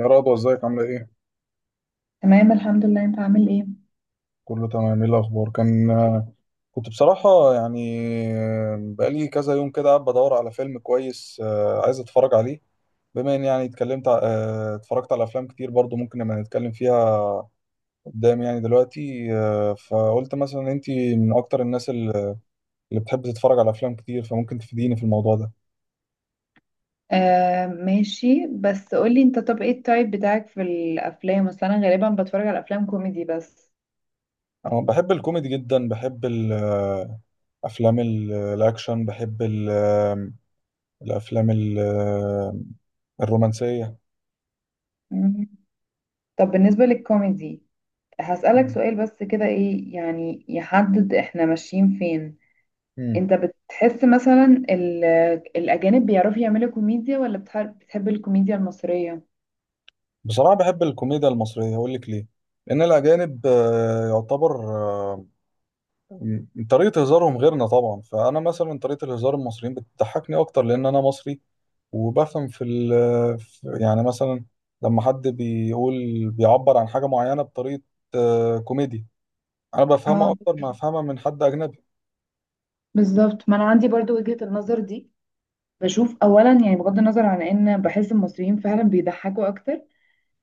يا رضوى ازيك عاملة ايه؟ تمام الحمد لله. انت عامل ايه؟ كله تمام، ايه الأخبار؟ كنت بصراحة يعني بقالي كذا يوم كده قاعد بدور على فيلم كويس، عايز اتفرج عليه. بما ان يعني اتكلمت ع- آه، اتفرجت على أفلام كتير برضو، ممكن نبقى نتكلم فيها قدام يعني دلوقتي، فقلت مثلا انتي من أكتر الناس اللي بتحب تتفرج على أفلام كتير، فممكن تفيديني في الموضوع ده. آه ماشي، بس قولي انت، طب ايه التايب بتاعك في الافلام؟ اصل انا غالبا بتفرج على افلام كوميدي بس. أنا بحب الكوميدي جدا، بحب أفلام الأكشن، بحب الأفلام الرومانسية. مم. طب بالنسبة للكوميدي، هسألك سؤال بس كده، ايه يعني يحدد احنا ماشيين فين؟ مم. انت بتحس مثلا الاجانب بيعرفوا يعملوا كوميديا، ولا بتحب الكوميديا المصرية؟ بصراحة بحب الكوميديا المصرية، أقول لك ليه. لأن الأجانب يعتبر، طريقة هزارهم غيرنا طبعا، فأنا مثلا طريقة الهزار المصريين بتضحكني أكتر لأن أنا مصري، وبفهم في يعني مثلا لما حد بيقول، بيعبر عن حاجة معينة بطريقة كوميديا، أنا بفهمها اه أكتر ما أفهمها من حد أجنبي. بالظبط، ما انا عندي برضو وجهة النظر دي. بشوف اولا يعني، بغض النظر عن ان بحس المصريين فعلا بيضحكوا اكتر،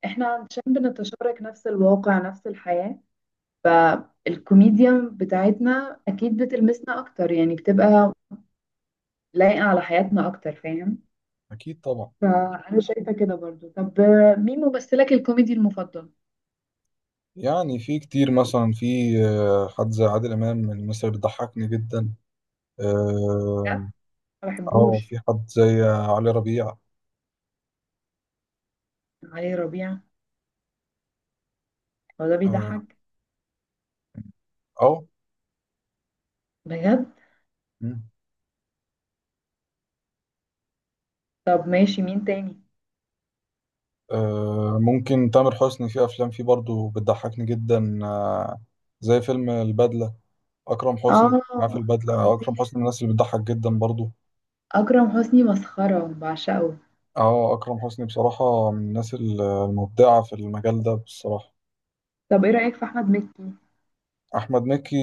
احنا عشان بنتشارك نفس الواقع نفس الحياة، فالكوميديا بتاعتنا اكيد بتلمسنا اكتر، يعني بتبقى لايقة على حياتنا اكتر، فاهم؟ أكيد طبعا. فانا شايفه كده برضو. طب مين ممثلك الكوميدي المفضل؟ يعني في كتير، مثلا في حد زي عادل إمام من مصر، بيضحكني جدا. آه، بجد؟ ما اه، بحبوش. في حد زي علي ربيع. علي ربيع؟ هو ده اه، بيضحك؟ أو، بجد؟ مم. طب ماشي، مين تاني؟ ممكن تامر حسني، في افلام فيه برضو بتضحكني جدا، زي فيلم البدلة. اكرم حسني اه معاه في البدلة، اكرم خطير، حسني من الناس اللي بتضحك جدا برضو. اكرم حسني مسخره، بعشقه. اه، اكرم حسني بصراحة من الناس المبدعة في المجال ده بصراحة. طب ايه رايك في احمد مكي؟ احمد مكي،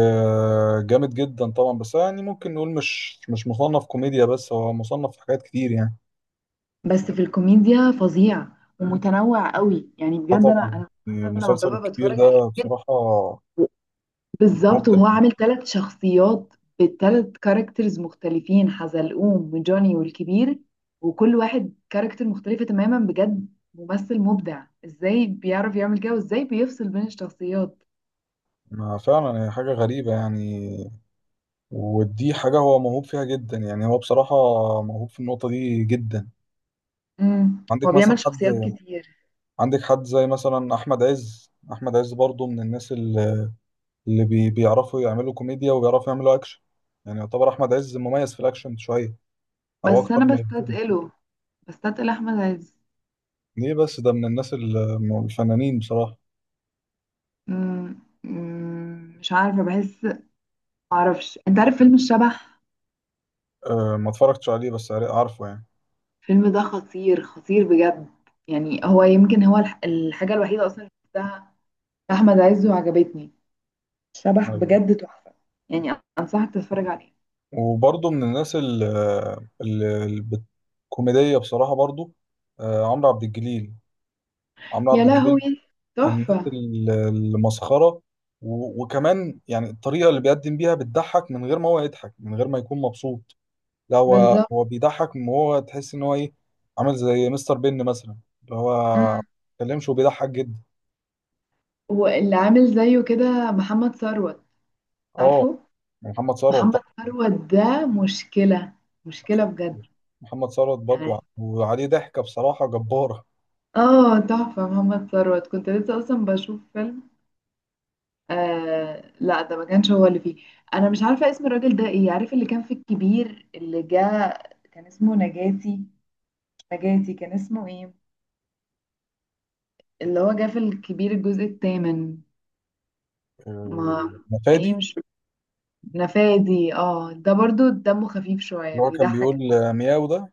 جامد جدا طبعا، بس يعني ممكن نقول مش مصنف كوميديا، بس هو مصنف في حاجات كتير يعني. بس في الكوميديا فظيع، ومتنوع قوي. يعني بجد انا طبعا، انا مثلا لما المسلسل ببقى الكبير بتفرج على ده الكوميديا. بصراحة بالظبط، مبدع. وهو عامل ثلاث شخصيات، بثلاث كاركترز مختلفين، حزلقوم وجوني والكبير. وكل واحد كاركتر مختلفة تماما، بجد ممثل مبدع. ازاي بيعرف يعمل كده، وازاي بيفصل بين الشخصيات؟ ما فعلا هي حاجة غريبة يعني، ودي حاجة هو موهوب فيها جدا، يعني هو بصراحة موهوب في النقطة دي جدا. عندك هو مثلا بيعمل شخصيات حد، كتير. عندك حد زي مثلا أحمد عز. أحمد عز برضو من الناس اللي بيعرفوا يعملوا كوميديا وبيعرفوا يعملوا أكشن. يعني يعتبر أحمد عز مميز في الأكشن شوية، أو بس أكتر انا من الاتنين. بستثقله، بستثقل احمد عز. ليه بس؟ ده من الناس الفنانين بصراحة. امم أمم، مش عارفة، بحس، معرفش. انت عارف فيلم الشبح؟ أه، ما اتفرجتش عليه بس عارفه. الفيلم ده خطير، خطير بجد. يعني هو يمكن هو الحاجة الوحيدة اصلا أحمد عز وعجبتني. شبح يعني بجد تحفة. يعني أنصحك تتفرج عليه. وبرضه من الناس ال- ال- الكوميدية بصراحة برضه، عمرو عبد الجليل. عمرو يا عبد لهوي الجليل من الناس تحفة. المسخرة، وكمان يعني الطريقة اللي بيقدم بيها بتضحك من غير ما هو يضحك، من غير ما يكون مبسوط. لا، هو بالظبط. هو بيضحك، من هو تحس إن هو إيه، عامل زي مستر بن مثلا، اللي هو ما امم بيتكلمش وبيضحك جدا. واللي عامل زيه كده محمد ثروت. اه، عارفه؟ محمد ثروت محمد طبعا. ثروت ده مشكلة، مشكلة بجد. محمد ثروت يعني برضه، وعليه ضحكة بصراحة جبارة. اه تحفة، محمد ثروت، كنت لسه أصلا بشوف فيلم. آه لا، ده ما كانش هو اللي فيه. أنا مش عارفة اسم الراجل ده ايه، عارف اللي كان في الكبير اللي جه؟ كان اسمه نجاتي؟ مش نجاتي، كان اسمه ايه؟ اللي هو جاف الكبير الجزء الثامن. آه، ما مم. ايه؟ فادي، مش نفادي؟ اه، ده برضو دمه خفيف شوية، اللي هو كان بيضحك. بيقول مياو ده.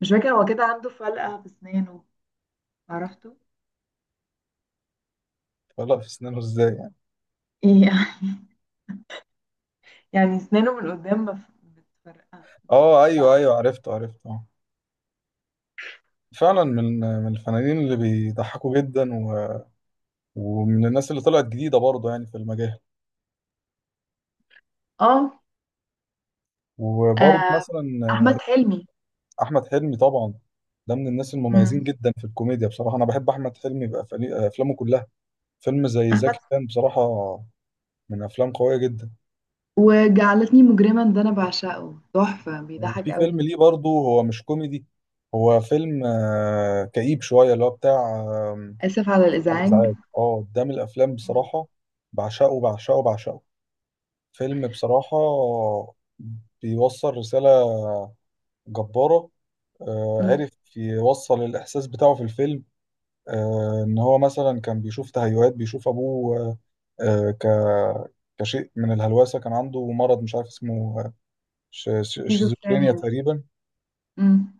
مش فاكرة، هو كده عنده فلقة في اسنانه. عرفته. فلا في سنانه ازاي يعني؟ يعني يعني اسنانه من قدام متفرقة. اه ايوه ايوه، عرفته عرفته، آه. فعلا من الفنانين اللي بيضحكوا جدا، و... ومن الناس اللي طلعت جديده برضه يعني في المجال. اه. وبرضه آه، مثلا احمد حلمي. احمد حلمي طبعا، ده من الناس المميزين مم. جدا في الكوميديا بصراحه. انا بحب احمد حلمي افلامه كلها. فيلم زي احمد زكي كان بصراحه من افلام قويه جدا. وجعلتني مجرما، ده انا بعشقه، تحفة، بيضحك وفي قوي. فيلم ليه برضه، هو مش كوميدي، هو فيلم كئيب شويه، اللي هو بتاع اسف على على الازعاج. ازعاج. اه ده من الافلام مم. بصراحه بعشقه بعشقه بعشقه. فيلم بصراحه بيوصل رساله جباره. آه، مم. عرف يوصل الاحساس بتاعه في الفيلم. آه، ان هو مثلا كان بيشوف تهيؤات، بيشوف ابوه آه، كشيء من الهلوسه. كان عنده مرض مش عارف اسمه، شيزوفرينيا سكيزوفرينيا. تقريبا. مم.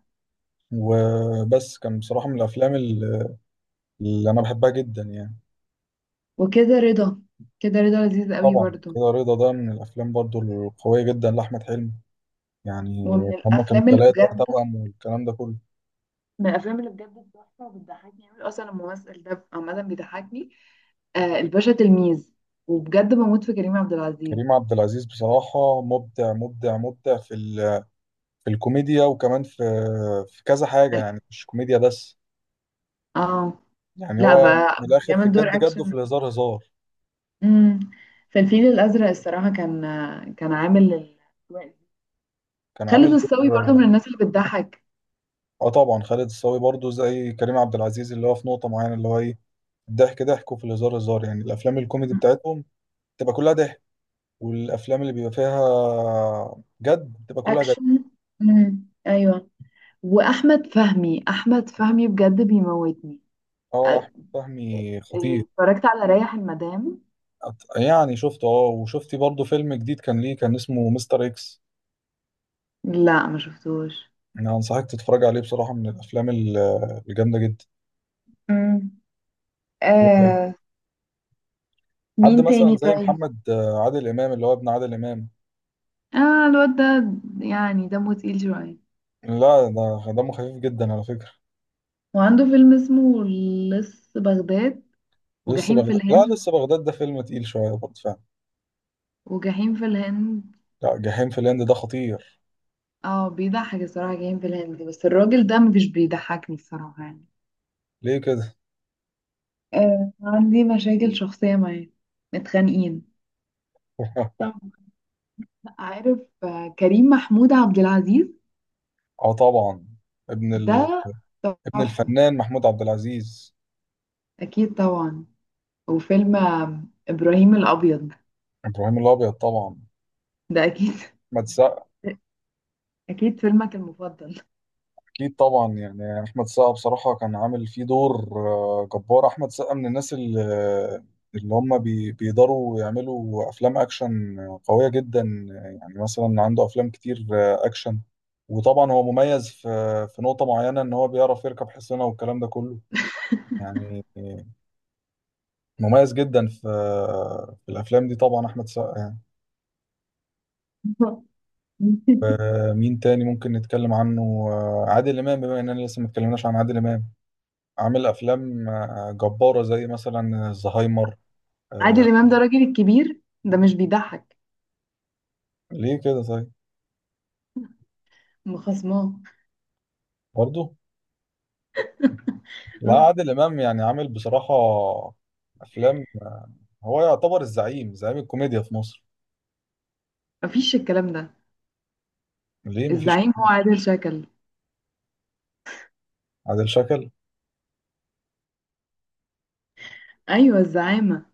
وبس كان بصراحه من الافلام اللي انا بحبها جدا يعني. وكده رضا، كده رضا لذيذ قوي طبعا برضو. كده رضا، ده من الافلام برضو القويه جدا لاحمد حلمي يعني. ومن هما كانوا الافلام اللي ثلاثة بجد، توأم والكلام ده كله. من الافلام اللي بجد تحفه، وبتضحكني قوي اصلا، الممثل ده عامه بيضحكني. آه الباشا تلميذ، وبجد بموت في كريم عبد العزيز. كريم عبد العزيز بصراحة مبدع مبدع مبدع في ال، في الكوميديا وكمان في في كذا حاجة يعني، مش كوميديا بس. اه. يعني لا هو من بقى الآخر، في بيعمل دور الجد جد وفي اكشن. الهزار هزار. امم في الفيل الازرق الصراحه كان، كان عامل كان خالد عامل الصاوي برضه دور. من الناس اللي بتضحك. اه طبعا، خالد الصاوي برضو زي كريم عبد العزيز، اللي هو في نقطة معينة اللي هو ايه، الضحك ضحك وفي الهزار هزار. يعني الأفلام الكوميدي بتاعتهم تبقى كلها ضحك، والأفلام اللي بيبقى فيها جد بتبقى كلها جد. اكشن. ايوه. واحمد فهمي، احمد فهمي بجد بيموتني. أ- اه، أحمد فهمي خطير. اتفرجت على ريح المدام؟ يعني شفته اه، وشفتي برضه فيلم جديد كان ليه، كان اسمه مستر اكس. لا ما شفتوش. انا انصحك تتفرج عليه بصراحة، من الافلام الجامدة جدا. مم. آه حد مين مثلا تاني زي طيب؟ محمد عادل امام، اللي هو ابن عادل امام. اه الواد ده يعني دمه تقيل شوية. لا، ده دمه خفيف جدا على فكرة. وعنده فيلم اسمه لص بغداد. لسه وجحيم في بغداد، لا الهند. لسه بغداد ده فيلم تقيل شوية برضه فعلا. وجحيم في الهند. لا، جحيم في الهند ده خطير. اه بيضحك الصراحة جحيم في الهند، بس الراجل ده مش بيضحكني الصراحة يعني. ليه كده؟ آه عندي مشاكل شخصية معاه، متخانقين. طب، عارف كريم محمود عبد العزيز؟ اه طبعا، ابن ال، ده ابن تحفة. الفنان محمود عبد العزيز. أكيد طبعا. وفيلم إبراهيم الأبيض. ابراهيم الابيض طبعا. ده أكيد. احمد سقا. أكيد فيلمك المفضل. أكيد طبعا، يعني أحمد السقا بصراحة كان عامل فيه دور جبار. أحمد السقا من الناس اللي, اللي هم بيقدروا يعملوا أفلام أكشن قوية جدا. يعني مثلا عنده أفلام كتير أكشن. وطبعا هو مميز في في نقطة معينة، إن هو بيعرف يركب حصينة والكلام ده كله، يعني مميز جدا في في الأفلام دي. طبعا أحمد السقا يعني، مين تاني ممكن نتكلم عنه؟ عادل إمام، بما إننا لسه ما اتكلمناش عن عادل إمام. عامل افلام جباره، زي مثلا الزهايمر. آه، عادل إمام ده راجل الكبير، ده مش بيضحك. ليه كده طيب؟ مخصماه. برضه لا، ها. عادل امام يعني عامل بصراحه افلام. هو يعتبر الزعيم، زعيم الكوميديا في مصر. مفيش الكلام ده. ليه مفيش؟ الزعيم هو عادل شكل. عادل شكل. أيوه الزعامة.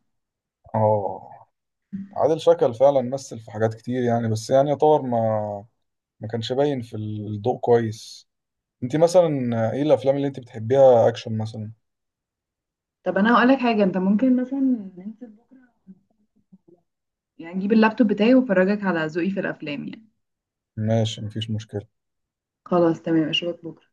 اه، عادل شكل فعلا مثل في حاجات كتير يعني، بس يعني يعتبر ما ما كانش باين في الضوء كويس. انت مثلا ايه الافلام اللي انت بتحبيها، اكشن مثلا؟ طب أنا هقولك حاجة، أنت ممكن مثلا ننزل بكرة، يعني أجيب اللابتوب بتاعي وأفرجك على ذوقي في الأفلام يعني. ماشي، مفيش مشكله. خلاص تمام، أشوفك بكرة.